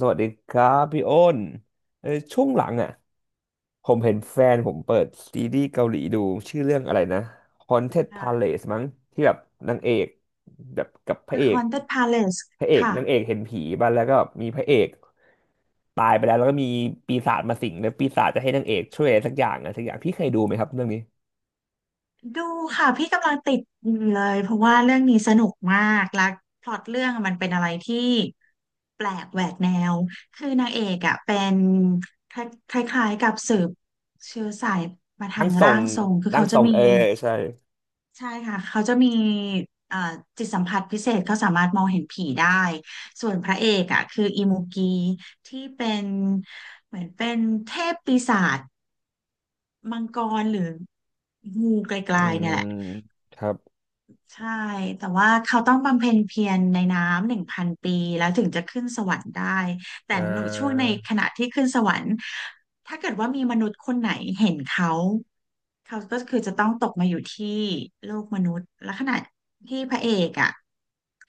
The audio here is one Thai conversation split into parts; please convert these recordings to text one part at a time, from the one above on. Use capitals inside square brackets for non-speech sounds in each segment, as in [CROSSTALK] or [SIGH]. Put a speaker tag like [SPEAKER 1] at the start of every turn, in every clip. [SPEAKER 1] สวัสดีครับพี่อ้นช่วงหลังอ่ะผมเห็นแฟนผมเปิดซีรีส์เกาหลีดูชื่อเรื่องอะไรนะ Haunted
[SPEAKER 2] ค่ะ
[SPEAKER 1] Palace มั้งที่แบบนางเอกแบบกับพระ
[SPEAKER 2] The
[SPEAKER 1] เอก
[SPEAKER 2] Haunted Palace
[SPEAKER 1] พระเอก
[SPEAKER 2] ค่ะ
[SPEAKER 1] นางเอกเห็นผีบ้างแล้วก็มีพระเอกตายไปแล้วแล้วก็มีปีศาจมาสิงแล้วปีศาจจะให้นางเอกช่วยอะไรสักอย่างอะสักอย่างพี่เคยดูไหมครับเรื่องนี้
[SPEAKER 2] ดูค่ะพี่กำลังติดอยู่เลยเพราะว่าเรื่องนี้สนุกมากและพล็อตเรื่องมันเป็นอะไรที่แปลกแหวกแนวคือนางเอกอ่ะเป็นคคล้ายๆกับสืบเชื้อสายมาทา
[SPEAKER 1] ร่าง
[SPEAKER 2] ง
[SPEAKER 1] ทร
[SPEAKER 2] ร่า
[SPEAKER 1] ง
[SPEAKER 2] งทรงคือ
[SPEAKER 1] ร่า
[SPEAKER 2] เขา
[SPEAKER 1] งท
[SPEAKER 2] จะ
[SPEAKER 1] รง
[SPEAKER 2] มี
[SPEAKER 1] เออใช่
[SPEAKER 2] ใช่ค่ะเขาจะมีเอ่อจิตสัมผัสพิเศษเขาสามารถมองเห็นผีได้ส่วนพระเอกอ่ะคืออิมูกีที่เหมือนเป็นเทพปีศาจ มังกรหรืองูไกล
[SPEAKER 1] อื
[SPEAKER 2] ๆเนี่
[SPEAKER 1] ม
[SPEAKER 2] ยแหละ
[SPEAKER 1] ครับ
[SPEAKER 2] ใช่แต่ว่าเขาต้องบำเพ็ญเพียรในน้ำ1,000 ปีแล้วถึงจะขึ้นสวรรค์ได้แต่
[SPEAKER 1] อ่
[SPEAKER 2] ช่วงใน
[SPEAKER 1] า
[SPEAKER 2] ขณะที่ขึ้นสวรรค์ถ้าเกิดว่ามีมนุษย์คนไหนเห็นเขาเขาก็คือจะต้องตกมาอยู่ที่โลกมนุษย์และขณะที่พระเอกอะ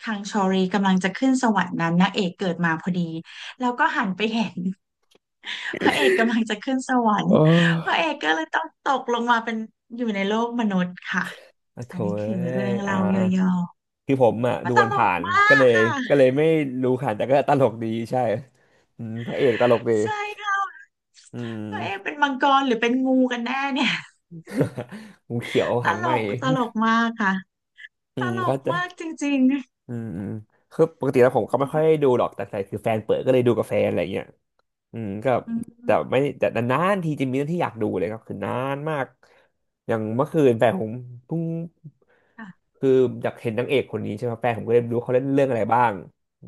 [SPEAKER 2] คังชอรีกำลังจะขึ้นสวรรค์นั้นนางเอกเกิดมาพอดีเห็น [LAUGHS] พระเอกกำลังจะขึ้นสวรร
[SPEAKER 1] โอ
[SPEAKER 2] ค์พระ
[SPEAKER 1] ้
[SPEAKER 2] เอกก็เลยต้องตกลงมาเป็นอยู่ในโลกมนุษย์ค่ะ
[SPEAKER 1] อะโถ
[SPEAKER 2] อันนี้
[SPEAKER 1] เอ้
[SPEAKER 2] คือเรื่อ
[SPEAKER 1] ย
[SPEAKER 2] ง
[SPEAKER 1] อ่า
[SPEAKER 2] เล่าย่อ
[SPEAKER 1] คือผมอ่ะ
[SPEAKER 2] ๆมั
[SPEAKER 1] ดู
[SPEAKER 2] นต
[SPEAKER 1] มัน
[SPEAKER 2] ล
[SPEAKER 1] ผ่า
[SPEAKER 2] ก
[SPEAKER 1] น
[SPEAKER 2] มา
[SPEAKER 1] ๆก็
[SPEAKER 2] ก
[SPEAKER 1] เลย
[SPEAKER 2] ค่ะ
[SPEAKER 1] ไม่รู้ค่ะแต่ก็ตลกดีใช่อืมพระเอกตลกดี
[SPEAKER 2] ใช่ค่ะ
[SPEAKER 1] อื
[SPEAKER 2] พระเอก
[SPEAKER 1] ม
[SPEAKER 2] เป็นมังกรหรือเป็นงูกันแน่เนี่ย
[SPEAKER 1] งูเขียว
[SPEAKER 2] [LAUGHS] ต
[SPEAKER 1] หาง
[SPEAKER 2] ล
[SPEAKER 1] ไหม
[SPEAKER 2] กตลกมากค่ะ
[SPEAKER 1] [LAUGHS] อื
[SPEAKER 2] ต
[SPEAKER 1] ม
[SPEAKER 2] ล
[SPEAKER 1] เข้า
[SPEAKER 2] ก
[SPEAKER 1] ใจ
[SPEAKER 2] มากจริง
[SPEAKER 1] อืมอืมคือปกติแล้วผมก็ไม่ค่อยได้ดูหรอกแต่คือแฟนเปิดก็เลยดูกับแฟนอะไรเงี้ยอืมก็
[SPEAKER 2] ๆอื
[SPEAKER 1] แต่
[SPEAKER 2] ม
[SPEAKER 1] ไม่แต่นานๆทีจะมีเรื่องที่อยากดูเลยครับคือนานมากอย่างเมื่อคืนแฟนผมเพิ่ง
[SPEAKER 2] ค่ะ
[SPEAKER 1] คืออยากเห็นนางเอกคนนี้ใช่ไหมแฟนผมก็เลยรู้เขาเล่นเรื่องอะไรบ้าง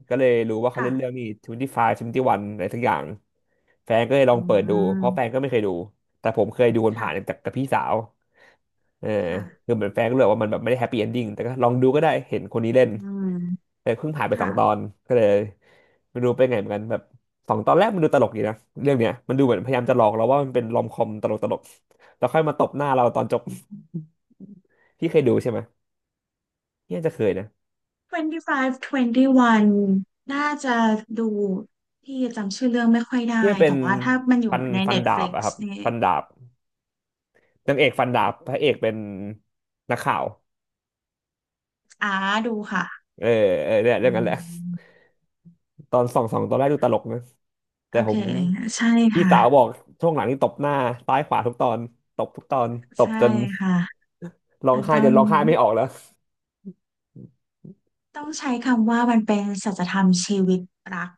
[SPEAKER 1] ก็เลยรู้ว่าเขา
[SPEAKER 2] ค่ะ
[SPEAKER 1] เล่นเรื่องนี้ทเวนตี้วันอะไรสักอย่างแฟนก็เลยลอ
[SPEAKER 2] อื
[SPEAKER 1] งเปิดดูเพราะแฟน
[SPEAKER 2] ม
[SPEAKER 1] ก็ไม่เคยดูแต่ผมเคยดูคนผ่านๆ
[SPEAKER 2] ค่ะ
[SPEAKER 1] จากกับพี่สาวเออคื
[SPEAKER 2] ค่ะ
[SPEAKER 1] อเหมือนแฟนก็เลยบอกว่ามันแบบไม่ได้แฮปปี้เอนดิ้งแต่ก็ลองดูก็ได้เห็นคนนี้เล่น
[SPEAKER 2] อืม
[SPEAKER 1] แต่เพิ่งผ่านไปสอ
[SPEAKER 2] ค่ะ
[SPEAKER 1] งตอนก็เลยไม่รู้เป็นไงเหมือนกันแบบสองตอนแรกมันดูตลกดีนะเรื่องเนี้ยมันดูเหมือนพยายามจะหลอกเราว่ามันเป็นรอมคอมตลกแล้วค่อยมาตบหน้าเราตอนจบ [LAUGHS] พี่เคยดูใช่ไหมเนี่ยจะเคยนะ
[SPEAKER 2] 25 21น่าจะดูพี่จำชื่อเรื่องไม่ค่อย
[SPEAKER 1] ที่
[SPEAKER 2] ได้
[SPEAKER 1] มันเป็
[SPEAKER 2] แต่
[SPEAKER 1] น
[SPEAKER 2] ว่าถ้ามันอ
[SPEAKER 1] ฟั
[SPEAKER 2] ยู่
[SPEAKER 1] น
[SPEAKER 2] ใน
[SPEAKER 1] ฟันดาบ
[SPEAKER 2] Netflix
[SPEAKER 1] อะครับ
[SPEAKER 2] นี่
[SPEAKER 1] ฟันดาบนางเอกฟันดาบพระเอกเป็นนักข่าว
[SPEAKER 2] อ้าดูค่ะ
[SPEAKER 1] เออเออเนี่ยเรื่
[SPEAKER 2] อื
[SPEAKER 1] องนั้นแหละ
[SPEAKER 2] ม
[SPEAKER 1] ตอนสองตอนแรกดูตลกนะแต่
[SPEAKER 2] โอ
[SPEAKER 1] ผ
[SPEAKER 2] เค
[SPEAKER 1] ม
[SPEAKER 2] ใช่
[SPEAKER 1] พี่
[SPEAKER 2] ค่ะ
[SPEAKER 1] สาวบอกช่วงหลังนี่ตบหน้าซ้ายขวาทุกตอนตบทุกตอนตบ
[SPEAKER 2] ใช่
[SPEAKER 1] จน
[SPEAKER 2] ค่ะ
[SPEAKER 1] ร้อง
[SPEAKER 2] มัน
[SPEAKER 1] ไห้
[SPEAKER 2] ต้
[SPEAKER 1] จ
[SPEAKER 2] อง
[SPEAKER 1] นร้องไห้ไม่ออกแล้ว
[SPEAKER 2] ใช้คำว่ามันเป็นสัจธรรมชีวิตรัก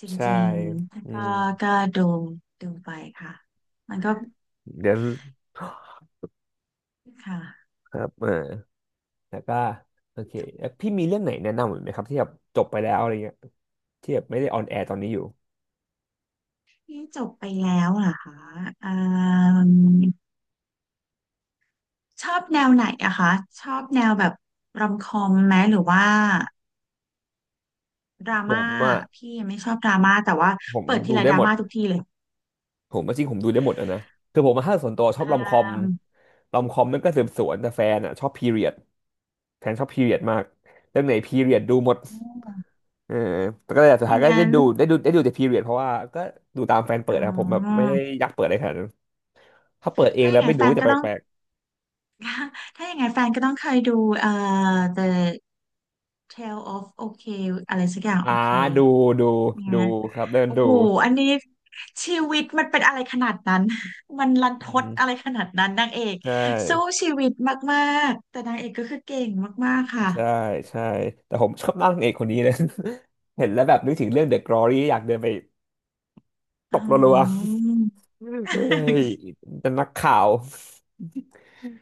[SPEAKER 2] จ
[SPEAKER 1] ใช่
[SPEAKER 2] ริงๆแล้ว
[SPEAKER 1] อื
[SPEAKER 2] ก็
[SPEAKER 1] ม
[SPEAKER 2] ก็ดูดูไปค่ะมันก็
[SPEAKER 1] เดี๋ยว
[SPEAKER 2] ค่ะ
[SPEAKER 1] ครับเออแล้วก็โอเคแล้วพี่มีเรื่องไหนแนะนำอีกไหมครับที่แบบจบไปแล้วอะไรเงี้ยที่แบบไม่ได้ออนแอร์ตอนนี้อยู่
[SPEAKER 2] ที่จบไปแล้วเหรอคะอ่า ชอบแนวไหนอะคะชอบแนวแบบรอมคอมไหมหรือว่าดรา
[SPEAKER 1] ผ
[SPEAKER 2] ม่า
[SPEAKER 1] มอ่ะ
[SPEAKER 2] พี่ไม่ชอบดราม่าแต่ว่า
[SPEAKER 1] ผม
[SPEAKER 2] เปิดที
[SPEAKER 1] ดู
[SPEAKER 2] ไร
[SPEAKER 1] ได้
[SPEAKER 2] ดรา
[SPEAKER 1] หมด
[SPEAKER 2] ม่าทุกทีเลย
[SPEAKER 1] ผมจริงๆผมดูได้หมดอะนะคือผมมาถ้าส่วนตัวชอ
[SPEAKER 2] อ่
[SPEAKER 1] บรอมคอม
[SPEAKER 2] า
[SPEAKER 1] รอมคอมมันก็สืบสวนแต่แฟนอ่ะชอบพีเรียดแฟนชอบพีเรียดมากเรื่องไหนพีเรียดดูหมด
[SPEAKER 2] อม
[SPEAKER 1] เออแต่ก็เลยสุ
[SPEAKER 2] อ
[SPEAKER 1] ดท้า
[SPEAKER 2] ย่า
[SPEAKER 1] ย
[SPEAKER 2] ง
[SPEAKER 1] ก็
[SPEAKER 2] นั้น
[SPEAKER 1] ได้ดูแต่พีเรียดเพราะว่าก็ดูตามแฟนเปิ
[SPEAKER 2] อ๋
[SPEAKER 1] ดนะครับผมแบบไม่
[SPEAKER 2] อ
[SPEAKER 1] ได้อยากเปิดอะไรขนาดนั้น ถ้าเปิดเอง
[SPEAKER 2] ถ้าอ
[SPEAKER 1] แล้
[SPEAKER 2] ย่า
[SPEAKER 1] ว
[SPEAKER 2] งนั้
[SPEAKER 1] ไม่
[SPEAKER 2] น
[SPEAKER 1] ดู
[SPEAKER 2] แฟ
[SPEAKER 1] ก็
[SPEAKER 2] น
[SPEAKER 1] จะ
[SPEAKER 2] ก็
[SPEAKER 1] แป
[SPEAKER 2] ต้อง
[SPEAKER 1] ลก
[SPEAKER 2] [LAUGHS] ถ้าอย่างนั้นแฟนก็ต้องเคยดูเอ่อ The Tale of OK อะไรสักอย่า
[SPEAKER 1] ๆ
[SPEAKER 2] ง
[SPEAKER 1] อ่า
[SPEAKER 2] OK
[SPEAKER 1] ดูดู
[SPEAKER 2] เนี่
[SPEAKER 1] ดู
[SPEAKER 2] ย
[SPEAKER 1] ครับเดิน
[SPEAKER 2] โอ้
[SPEAKER 1] ดู
[SPEAKER 2] โหอันนี้ชีวิตมันเป็นอะไรขนาดนั้น [LAUGHS] มันรันท
[SPEAKER 1] อื
[SPEAKER 2] ดอะ
[SPEAKER 1] ม
[SPEAKER 2] ไรขนาดนั้นนางเอก
[SPEAKER 1] ใช
[SPEAKER 2] สู้
[SPEAKER 1] ่
[SPEAKER 2] ชีวิตมากๆแต่นางเอกก็คือเก่งมากๆค่ะ
[SPEAKER 1] ใช่ใช่แต่ผมชอบนั่งเอกคนนี้เลย [LAUGHS] เห็นแล้วแบบนึกถึงเรื่อง The Glory อยากเดินไปต
[SPEAKER 2] อ๋
[SPEAKER 1] บรัว
[SPEAKER 2] อ
[SPEAKER 1] ๆเฮ้ย
[SPEAKER 2] [LAUGHS]
[SPEAKER 1] จะนักข่าว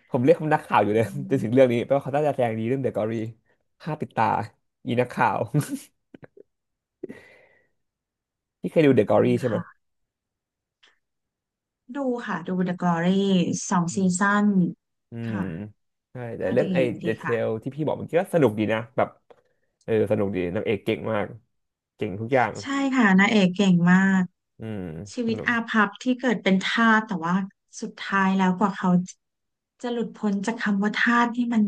[SPEAKER 1] ผมเรียกเขานักข่าวอยู่เล
[SPEAKER 2] อื
[SPEAKER 1] ยจ
[SPEAKER 2] ม
[SPEAKER 1] นถึงเรื่องนี้เพราะเขาน่าจะแสดงดีเรื่อง The Glory ฆ่าปิดตาอีนักข่าว [LAUGHS] ที่เคยดู The
[SPEAKER 2] [LAUGHS] จริง
[SPEAKER 1] Glory ใช่ไหม
[SPEAKER 2] ค่ะ ดูค่ะ ดู The Glory สองซีซั่น
[SPEAKER 1] อืม
[SPEAKER 2] ค่ะ
[SPEAKER 1] ใช่แต่
[SPEAKER 2] ก็
[SPEAKER 1] เรื่อง
[SPEAKER 2] ดี
[SPEAKER 1] ไอ้เด
[SPEAKER 2] ดี
[SPEAKER 1] เท
[SPEAKER 2] ค่ะ
[SPEAKER 1] ลที่พี่บอกเมันกก็สนุกดีนะแบบเออสนุกดีนางเอกเก่งมากเก่งทุกอย่าง
[SPEAKER 2] ใช่ค่ะนางเอกเก่งมาก
[SPEAKER 1] อืม
[SPEAKER 2] ชี
[SPEAKER 1] ส
[SPEAKER 2] วิต
[SPEAKER 1] นุก
[SPEAKER 2] อาภัพที่เกิดเป็นทาสแต่ว่าสุดท้ายแล้วกว่าเขาจะหลุดพ้นจากคำว่าทาสที่มัน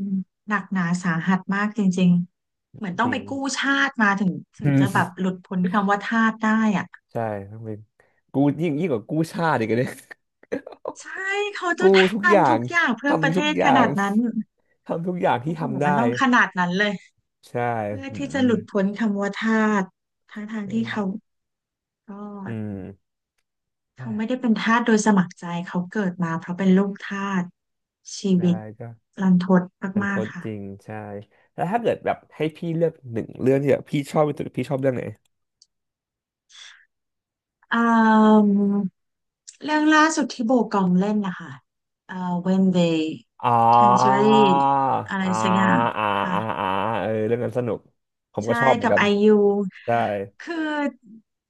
[SPEAKER 2] หนักหนาสาหัสมากจริงๆเหมือนต้
[SPEAKER 1] จ
[SPEAKER 2] อง
[SPEAKER 1] ริ
[SPEAKER 2] ไป
[SPEAKER 1] ง
[SPEAKER 2] กู้ชาติมาถึง
[SPEAKER 1] [LAUGHS]
[SPEAKER 2] ถึ
[SPEAKER 1] อื
[SPEAKER 2] งจะแบ
[SPEAKER 1] ม
[SPEAKER 2] บหลุดพ้นคำว่าทาสได้อ่ะ
[SPEAKER 1] ใช่ต้องเป็นกูยิ่งกว่ากู้ชาติอีกอะเนี่ย
[SPEAKER 2] ใช่เขา
[SPEAKER 1] [LAUGHS]
[SPEAKER 2] จะ
[SPEAKER 1] กู้
[SPEAKER 2] ท
[SPEAKER 1] ทุกอย่า
[SPEAKER 2] ำทุ
[SPEAKER 1] ง
[SPEAKER 2] กอย่างเพื่อประ
[SPEAKER 1] ทำ
[SPEAKER 2] เท
[SPEAKER 1] ทุก
[SPEAKER 2] ศ
[SPEAKER 1] อ
[SPEAKER 2] ข
[SPEAKER 1] ย่าง
[SPEAKER 2] นาดนั้น
[SPEAKER 1] ทำทุกอย่างที่
[SPEAKER 2] โอ้โห
[SPEAKER 1] ทำ
[SPEAKER 2] มัน
[SPEAKER 1] ได้
[SPEAKER 2] ต้องขนาดนั้นเลย
[SPEAKER 1] ใช่
[SPEAKER 2] เพื่อ
[SPEAKER 1] อื
[SPEAKER 2] ที่จะ
[SPEAKER 1] ม
[SPEAKER 2] หลุดพ้นคำว่าทาสทั้งทาง
[SPEAKER 1] อ
[SPEAKER 2] ที่เขา
[SPEAKER 1] ม
[SPEAKER 2] ก็
[SPEAKER 1] อืมใช่
[SPEAKER 2] เขาไม่ได้เป็นทาสโดยสมัครใจเขาเกิดมาเพราะเป็นลูกทาสชี
[SPEAKER 1] ใช่
[SPEAKER 2] วิต
[SPEAKER 1] ก็
[SPEAKER 2] รันทด
[SPEAKER 1] มันท
[SPEAKER 2] มาก
[SPEAKER 1] ด
[SPEAKER 2] ๆค่ะ
[SPEAKER 1] จริงใช่แล้วถ้าเกิดแบบให้พี่เลือกหนึ่งเรื่องที่แบบพี่ชอบที่สุดพี่ชอบเรื่องไหน
[SPEAKER 2] อืมเรื่องล่าสุดที่โบกอมเล่นนะคะเอ่อ When They
[SPEAKER 1] อ๋อ
[SPEAKER 2] Tangerine อะไร
[SPEAKER 1] อ่าอ่า
[SPEAKER 2] สักอย่าง
[SPEAKER 1] อ่า
[SPEAKER 2] ค่ะ
[SPEAKER 1] อ่าเออเรื่องนั้นสนุกผมก็
[SPEAKER 2] ใช่
[SPEAKER 1] ชอบเหมือน
[SPEAKER 2] กับ
[SPEAKER 1] กัน
[SPEAKER 2] ไอยู
[SPEAKER 1] ใช่
[SPEAKER 2] คือ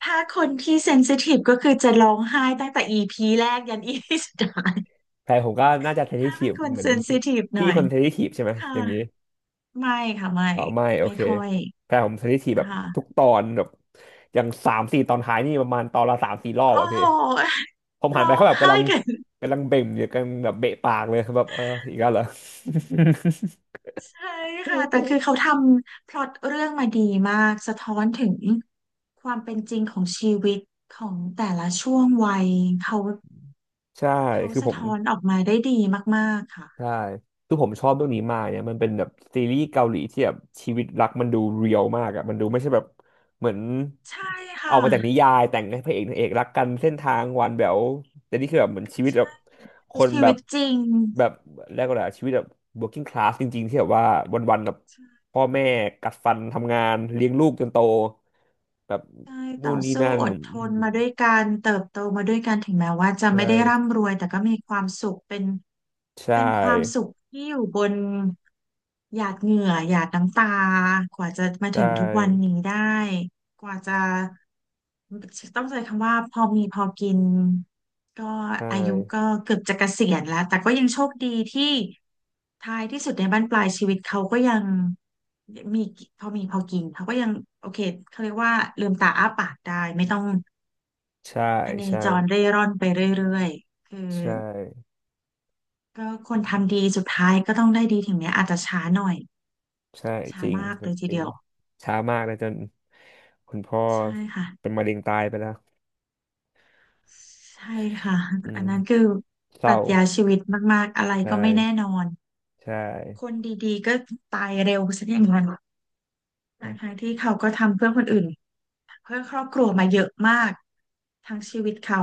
[SPEAKER 2] ถ้าคนที่เซนซิทีฟก็คือจะร้องไห้ตั้งแต่อีพีแรกยันอพีสุดท้าย
[SPEAKER 1] แพรผมก็น่าจะเทนนิส
[SPEAKER 2] ถ้า
[SPEAKER 1] ที
[SPEAKER 2] เป็น
[SPEAKER 1] ฟ
[SPEAKER 2] คน
[SPEAKER 1] เหมือ
[SPEAKER 2] เซ
[SPEAKER 1] น
[SPEAKER 2] น
[SPEAKER 1] พี่
[SPEAKER 2] ซิทีฟห
[SPEAKER 1] พี่
[SPEAKER 2] น่อ
[SPEAKER 1] ค
[SPEAKER 2] ย
[SPEAKER 1] นเทนนิสทีฟใช่ไหม
[SPEAKER 2] ค่ะ
[SPEAKER 1] อย่างนี้
[SPEAKER 2] ไม่ค่ะไม่
[SPEAKER 1] อ๋อไม่ โอ
[SPEAKER 2] ไม่
[SPEAKER 1] เค
[SPEAKER 2] ค่อย
[SPEAKER 1] แพรผมเทนนิสทีฟแบบทุก
[SPEAKER 2] ค่ะ
[SPEAKER 1] ตอนแบบอย่างสามสี่ตอนท้ายนี่ประมาณตอนละสามสี่รอบ
[SPEAKER 2] โอ้
[SPEAKER 1] อะพี่
[SPEAKER 2] โห
[SPEAKER 1] ผมหัน
[SPEAKER 2] ร้
[SPEAKER 1] ไป
[SPEAKER 2] อง
[SPEAKER 1] เขาแบบ
[SPEAKER 2] ไห้
[SPEAKER 1] กำลัง
[SPEAKER 2] กัน
[SPEAKER 1] กำลังเบ่งอยู่กำลันแบบเบะปากเลยแบบเอออีกแล้วเหรอ [LAUGHS]
[SPEAKER 2] ใช่ค่ะ แต่คือเขาทำพล็อตเรื่องมาดีมากสะท้อนถึงความเป็นจริงของชีวิตของแต่ละช่วงวัยเขา
[SPEAKER 1] ใช่
[SPEAKER 2] เขา
[SPEAKER 1] คือผ
[SPEAKER 2] สะ
[SPEAKER 1] ม
[SPEAKER 2] ท้อนออกมาได้ดีมากๆค่ะ
[SPEAKER 1] ใช่คือผมชอบเรื่องนี้มากเนี่ยมันเป็นแบบซีรีส์เกาหลีที่แบบชีวิตรักมันดูเรียลมากอะมันดูไม่ใช่แบบเหมือน
[SPEAKER 2] ใช่
[SPEAKER 1] ออ
[SPEAKER 2] ค่ะ
[SPEAKER 1] กมาจากนิยายแต่งให้พระเอกนางเอกรักกันเส้นทางหวานแหววแต่นี่คือแบบเหมือนชีวิต
[SPEAKER 2] ใช่
[SPEAKER 1] แบบค
[SPEAKER 2] คือ
[SPEAKER 1] น
[SPEAKER 2] ชี
[SPEAKER 1] แบ
[SPEAKER 2] วิ
[SPEAKER 1] บ
[SPEAKER 2] ตจริง
[SPEAKER 1] แบบแรยกว่าอะไรอะชีวิตแบบ working class จริงๆที่แบบว่าวันๆแบบพ่อแม่กัดฟันทำงานเลี้ยงลูกจนโตแบบ
[SPEAKER 2] ใช่ต่อ
[SPEAKER 1] นู่นนี่
[SPEAKER 2] สู้
[SPEAKER 1] นั่น
[SPEAKER 2] อด
[SPEAKER 1] อื
[SPEAKER 2] ทน
[SPEAKER 1] ม
[SPEAKER 2] มาด้วยกันเติบโตมาด้วยกันถึงแม้ว่าจะ
[SPEAKER 1] ใ
[SPEAKER 2] ไม่ได้
[SPEAKER 1] ช่
[SPEAKER 2] ร่ำรวยแต่ก็มีความสุขเป็น
[SPEAKER 1] ใช
[SPEAKER 2] เป็นความสุ
[SPEAKER 1] ่
[SPEAKER 2] ขที่อยู่บนหยาดเหงื่อหยาดน้ำตากว่าจะมา
[SPEAKER 1] ใช่
[SPEAKER 2] ถึงทุกวันนี้ได้ กว่าจะต้องใช้คำว่าพอมีพอกินก็อายุก็เกือบจะเกษียณแล้วแต่ก็ยังโชคดีที่ท้ายที่สุดในบั้นปลายชีวิตเขาก็ยังมีพอมีพอกินเขาก็ยังโอเคเขาเรียกว่าลืมตาอ้าปากได้ไม่ต้อง
[SPEAKER 1] ใช่
[SPEAKER 2] พเนจร
[SPEAKER 1] ใช่
[SPEAKER 2] เร่ร่อนไปเรื่อยๆคือ
[SPEAKER 1] ใช่
[SPEAKER 2] ก็คนทำดีสุดท้ายก็ต้องได้ดีถึงแม้อาจจะช้าหน่อย
[SPEAKER 1] ใช่
[SPEAKER 2] ช้า
[SPEAKER 1] จริง
[SPEAKER 2] มาก
[SPEAKER 1] ครั
[SPEAKER 2] เล
[SPEAKER 1] บ
[SPEAKER 2] ยที
[SPEAKER 1] จริ
[SPEAKER 2] เดี
[SPEAKER 1] ง
[SPEAKER 2] ยว
[SPEAKER 1] ช้ามากเลยจนคุณพ่อ
[SPEAKER 2] ใช่ค่ะ
[SPEAKER 1] เป็นมะเร็งตายไปแล้ว
[SPEAKER 2] ใช่ค่ะ
[SPEAKER 1] อื
[SPEAKER 2] อั
[SPEAKER 1] ม
[SPEAKER 2] นนั้นคือ
[SPEAKER 1] เศ
[SPEAKER 2] ปรั
[SPEAKER 1] ร้า
[SPEAKER 2] ชญาชีวิตมากๆอะไร
[SPEAKER 1] ใช
[SPEAKER 2] ก็ไม่แน่
[SPEAKER 1] ่
[SPEAKER 2] นอน
[SPEAKER 1] ใช่
[SPEAKER 2] คนดีๆก็ตายเร็วซะอย่างนั้นท
[SPEAKER 1] ใ
[SPEAKER 2] ั้งๆที่เขาก็ทำเพื่อคนอื่นเพื่อครอบครัวมาเยอะมากทั้งชีวิตเขา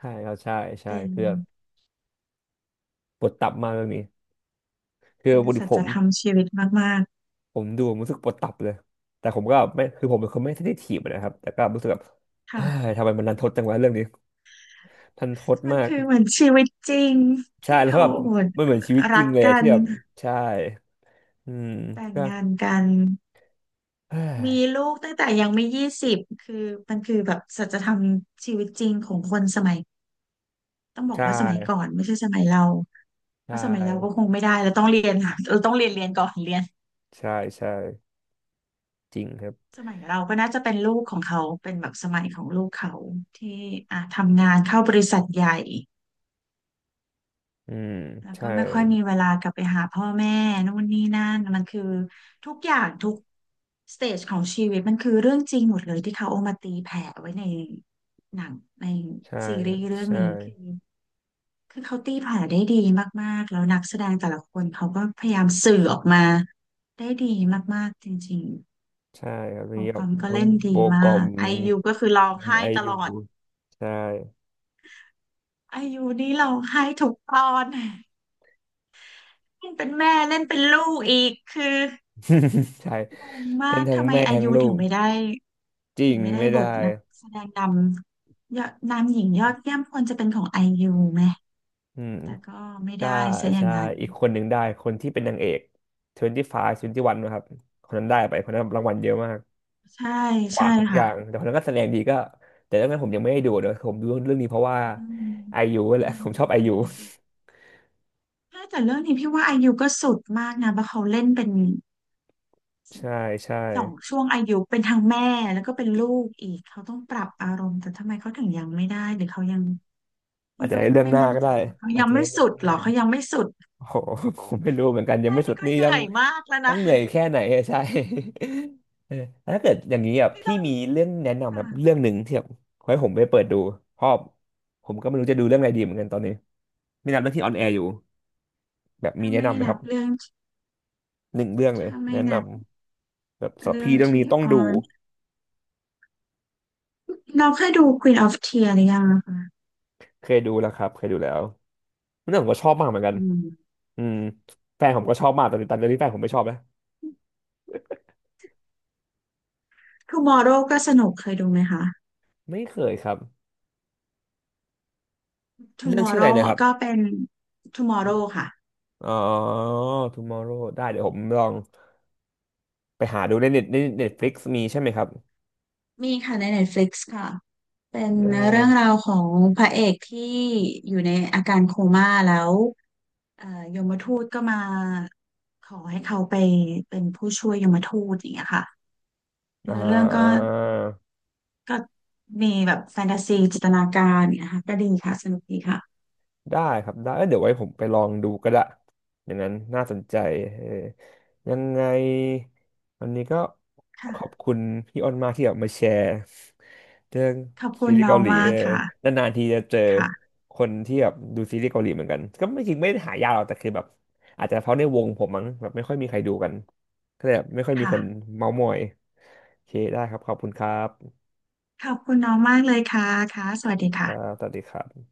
[SPEAKER 1] ช่ครับใช่ใช่
[SPEAKER 2] เป็น
[SPEAKER 1] คือแบบปวดตับมากเรื่องนี้คือ
[SPEAKER 2] เป็
[SPEAKER 1] ป
[SPEAKER 2] น
[SPEAKER 1] กติ
[SPEAKER 2] สั
[SPEAKER 1] ผ
[SPEAKER 2] จ
[SPEAKER 1] ม
[SPEAKER 2] ธรรมชีวิตมาก
[SPEAKER 1] ผมดูผมรู้สึกปวดตับเลยแต่ผมก็ไม่คือผมเป็นคนไม่เซนซีฟนะครับแต่ก็รู้สึกแบบ
[SPEAKER 2] ๆ
[SPEAKER 1] เฮ้
[SPEAKER 2] ค่ะ
[SPEAKER 1] ยทำไมมันรันทดจังวะเรื่องนี้ทันทด
[SPEAKER 2] มัน
[SPEAKER 1] มาก
[SPEAKER 2] คือเหมือนชีวิตจริง
[SPEAKER 1] ใช่
[SPEAKER 2] ที่
[SPEAKER 1] แล้ว
[SPEAKER 2] เขา
[SPEAKER 1] แบบ
[SPEAKER 2] โอด
[SPEAKER 1] มันเหมือนชีวิตจริ
[SPEAKER 2] รั
[SPEAKER 1] ง
[SPEAKER 2] ก
[SPEAKER 1] เลยอะ
[SPEAKER 2] กั
[SPEAKER 1] ที่
[SPEAKER 2] น
[SPEAKER 1] แบบใช่อืม
[SPEAKER 2] แต่ง
[SPEAKER 1] ก็
[SPEAKER 2] งานกัน
[SPEAKER 1] เฮ้ย
[SPEAKER 2] มีลูกตั้งแต่ยังไม่20คือมันคือแบบสัจธรรมชีวิตจริงของคนสมัย ต้องบอก
[SPEAKER 1] ใช่
[SPEAKER 2] ว่าสมัยก่อนไม่ใช่สมัยเราเพ
[SPEAKER 1] ใช่
[SPEAKER 2] ราะสมัยเราก็คงไม่ได้เราต้องเรียนค่ะเราต้องเรียนก่อนเรียน
[SPEAKER 1] ใช่ใช่จริงครับ
[SPEAKER 2] สมัยเราก็น่าจะเป็นลูกของเขาเป็นแบบสมัยของลูกเขาที่อ่ะทำงานเข้าบริษัทใหญ่
[SPEAKER 1] อืม
[SPEAKER 2] แล้วก็
[SPEAKER 1] ใช่
[SPEAKER 2] ไม่ค่อยมีเวลากลับไปหาพ่อแม่นู่นนี่นั่นมันคือทุกอย่างทุกสเตจของชีวิตมันคือเรื่องจริงหมดเลยที่เขาเอามาตีแผ่ไว้ในหนังใน
[SPEAKER 1] ใช่
[SPEAKER 2] ซี
[SPEAKER 1] ค
[SPEAKER 2] รี
[SPEAKER 1] รับ
[SPEAKER 2] ส์เรื่อง
[SPEAKER 1] ใช่
[SPEAKER 2] นี้คือเขาตีผ่าได้ดีมากๆแล้วนักแสดงแต่ละคนเขาก็พยายามสื่อออกมาได้ดีมากๆจริง
[SPEAKER 1] ใช่ครับ
[SPEAKER 2] ๆโป
[SPEAKER 1] มี
[SPEAKER 2] รแก
[SPEAKER 1] แบ
[SPEAKER 2] ร
[SPEAKER 1] บ
[SPEAKER 2] มก็
[SPEAKER 1] ทั้ง
[SPEAKER 2] เล่น
[SPEAKER 1] โบ
[SPEAKER 2] ดี
[SPEAKER 1] กอ
[SPEAKER 2] มา
[SPEAKER 1] ม
[SPEAKER 2] กไอยูก็คือร้อง
[SPEAKER 1] ทั้ง
[SPEAKER 2] ไห้
[SPEAKER 1] ไอ
[SPEAKER 2] ตล
[SPEAKER 1] ยู
[SPEAKER 2] อด
[SPEAKER 1] ใช่
[SPEAKER 2] ไอยูนี่ร้องไห้ทุกตอนเล่นเป็นแม่เล่นเป็นลูกอีกคือ
[SPEAKER 1] [LAUGHS] ใช่
[SPEAKER 2] งงมา
[SPEAKER 1] ทั้ง
[SPEAKER 2] ก
[SPEAKER 1] ทั้ง
[SPEAKER 2] ทำไม
[SPEAKER 1] แม่
[SPEAKER 2] ไอ
[SPEAKER 1] ทั้ง
[SPEAKER 2] ยู
[SPEAKER 1] ลู
[SPEAKER 2] ถึง
[SPEAKER 1] ก
[SPEAKER 2] ไม่ได้
[SPEAKER 1] จริ
[SPEAKER 2] ถึง
[SPEAKER 1] ง
[SPEAKER 2] ไม่ได้
[SPEAKER 1] ไม่
[SPEAKER 2] บ
[SPEAKER 1] ได้
[SPEAKER 2] ทนักแสดงนำยอดนำหญิงยอดเยี่ยมควรจะเป็นของไอยูไหม
[SPEAKER 1] อืม
[SPEAKER 2] แต่ก็ไม่
[SPEAKER 1] ก็
[SPEAKER 2] ได้ซะอย่า
[SPEAKER 1] ใช่
[SPEAKER 2] งนั้น
[SPEAKER 1] อีกคนหนึ่งได้คนที่เป็นนางเอก25 21นะครับคนนั้นได้ไปคนนั้นรางวัลเยอะมาก
[SPEAKER 2] ใช่
[SPEAKER 1] กวา
[SPEAKER 2] ใช่
[SPEAKER 1] ดทุกอ
[SPEAKER 2] ค่ะ
[SPEAKER 1] ย่างแต่คนนั้นก็แสดงดีก็แต่เรื่องนั้นผมยังไม่ได้ดูเดี๋ยวผมดูเรื่องนี้เพราะว่า
[SPEAKER 2] อืม
[SPEAKER 1] ไอยูแห
[SPEAKER 2] ใช่
[SPEAKER 1] ละผมชอบไอ
[SPEAKER 2] พี่ยัง
[SPEAKER 1] ยู
[SPEAKER 2] ไม่ได้ดูถ้าแต่เรื่องนี้พี่ว่าอายุก็สุดมากนะเพราะเขาเล่นเป็น
[SPEAKER 1] ใช่ใช่
[SPEAKER 2] สองช่วงอายุเป็นทั้งแม่แล้วก็เป็นลูกอีกเขาต้องปรับอารมณ์แต่ทำไมเขาถึงยังไม่ได้หรือเขายัง
[SPEAKER 1] อา
[SPEAKER 2] พี่
[SPEAKER 1] จจะ
[SPEAKER 2] ก็
[SPEAKER 1] ให้เรื่อง
[SPEAKER 2] ไม่
[SPEAKER 1] หน้า
[SPEAKER 2] มั่น
[SPEAKER 1] ก็
[SPEAKER 2] ใจ
[SPEAKER 1] ได้
[SPEAKER 2] ว่าเขา
[SPEAKER 1] อาจ
[SPEAKER 2] ยัง
[SPEAKER 1] จะ
[SPEAKER 2] ไม่
[SPEAKER 1] ให้เรื่อง
[SPEAKER 2] สุด
[SPEAKER 1] ห
[SPEAKER 2] หรอเขา
[SPEAKER 1] น้า
[SPEAKER 2] ยังไม่สุด
[SPEAKER 1] โอ้โห [LAUGHS] ผมไม่รู้เหมือนกันยัง
[SPEAKER 2] แค่
[SPEAKER 1] ไม่สุ
[SPEAKER 2] นี้
[SPEAKER 1] ด
[SPEAKER 2] ก็
[SPEAKER 1] นี่
[SPEAKER 2] เห
[SPEAKER 1] ต้อ
[SPEAKER 2] นื่
[SPEAKER 1] ง
[SPEAKER 2] อยมากแล้ว
[SPEAKER 1] ต้อ
[SPEAKER 2] นะ
[SPEAKER 1] งเหนื่อยแค่ไหนอะ [LAUGHS] ใช่ [LAUGHS] เออแล้วถ้าเกิดอย่างนี้
[SPEAKER 2] พี่
[SPEAKER 1] พี่
[SPEAKER 2] ต้อง
[SPEAKER 1] มีเรื่องแนะนำค
[SPEAKER 2] ค่ะ
[SPEAKER 1] รับเรื่องหนึ่งที่แบบขอให้ผมไปเปิดดูเพราะผมก็ไม่รู้จะดูเรื่องอะไรดีเหมือนกันตอนนี้มีหนังเรื่องที่ออนแอร์อยู่แบบมี
[SPEAKER 2] ถ้า
[SPEAKER 1] แนะ
[SPEAKER 2] ไม่
[SPEAKER 1] นำไหมค
[SPEAKER 2] นั
[SPEAKER 1] รั
[SPEAKER 2] บ
[SPEAKER 1] บ
[SPEAKER 2] เรื่อง
[SPEAKER 1] หนึ่งเรื่องเล
[SPEAKER 2] ถ้า
[SPEAKER 1] ย
[SPEAKER 2] ไม่
[SPEAKER 1] แนะน
[SPEAKER 2] นับ
[SPEAKER 1] ำแบบสำหรับ
[SPEAKER 2] เรื่อง
[SPEAKER 1] พี่เรื่องนี้
[SPEAKER 2] ที่
[SPEAKER 1] ต้อง
[SPEAKER 2] ออ
[SPEAKER 1] ดู
[SPEAKER 2] นเราเคยดู Queen of Tears หรือยังนะคะ
[SPEAKER 1] เคยดูแล้วครับเคยดูแล้วเรื่องผมก็ชอบมากเหมือนกัน
[SPEAKER 2] อืม
[SPEAKER 1] อืมแฟนผมก็ชอบมากตอนนี้แฟนผมไม่ชอบนะ
[SPEAKER 2] Tomorrow ก็สนุกเคยดูไหมคะ
[SPEAKER 1] ไม่เคยครับเรื่องชื่ออะไร
[SPEAKER 2] Tomorrow
[SPEAKER 1] นะครับ
[SPEAKER 2] เป็น Tomorrow ค่ะ
[SPEAKER 1] อ๋อ tomorrow ได้เดี๋ยวผมลอง ไปหาดูในเน็ตเน็ตฟลิกซ์มีใช่ไหมครับ
[SPEAKER 2] มีค่ะใน Netflix ค่ะ เป็น
[SPEAKER 1] อ่
[SPEAKER 2] เรื่องรา
[SPEAKER 1] า
[SPEAKER 2] วของพระเอกที่อยู่ในอาการโคม่าแล้วเอ่อยมทูตก็มาขอให้เขาไปเป็นผู้ช่วยยมทูตอย่างเงี้ยค่ะ
[SPEAKER 1] อ่
[SPEAKER 2] เนื้อเรื่องก็
[SPEAKER 1] า
[SPEAKER 2] ก็มีแบบแฟนตาซีจินตนาการอย่างเงี้ยค่ะก็ดีค่ะสนุกดีค่ะ
[SPEAKER 1] ได้ครับได้เอ้ยเดี๋ยวไว้ผมไปลองดูก็ได้อย่างนั้นน่าสนใจเออยังไงวันนี้ก็ขอบ
[SPEAKER 2] ค่ะ
[SPEAKER 1] คุณพี่อ้นมากที่แบบมาแชร์เรื่อง
[SPEAKER 2] ขอบคุ
[SPEAKER 1] ซี
[SPEAKER 2] ณ
[SPEAKER 1] รีส์
[SPEAKER 2] น้อ
[SPEAKER 1] เกา
[SPEAKER 2] ง
[SPEAKER 1] หลี
[SPEAKER 2] มา
[SPEAKER 1] เอ
[SPEAKER 2] ก
[SPEAKER 1] อ
[SPEAKER 2] ค่ะ
[SPEAKER 1] นานๆทีจะเจอ
[SPEAKER 2] ค่ะ
[SPEAKER 1] คนที่แบบดูซีรีส์เกาหลีเหมือนกันก็ไม่จริงไม่ได้หายากหรอกแต่คือแบบอาจจะเพราะในวงผมมั้งแบบไม่ค่อยมีใครดูกันก็เลยแบบไม่ค่อยมี
[SPEAKER 2] ค่ะ
[SPEAKER 1] คนเม้าท์มอยโอเคได้ครับขอบคุณครับ
[SPEAKER 2] ขอบคุณน้องมากเลยค่ะค่ะสวัสดี
[SPEAKER 1] อ่า
[SPEAKER 2] ค่ะ
[SPEAKER 1] สวัสดีครับ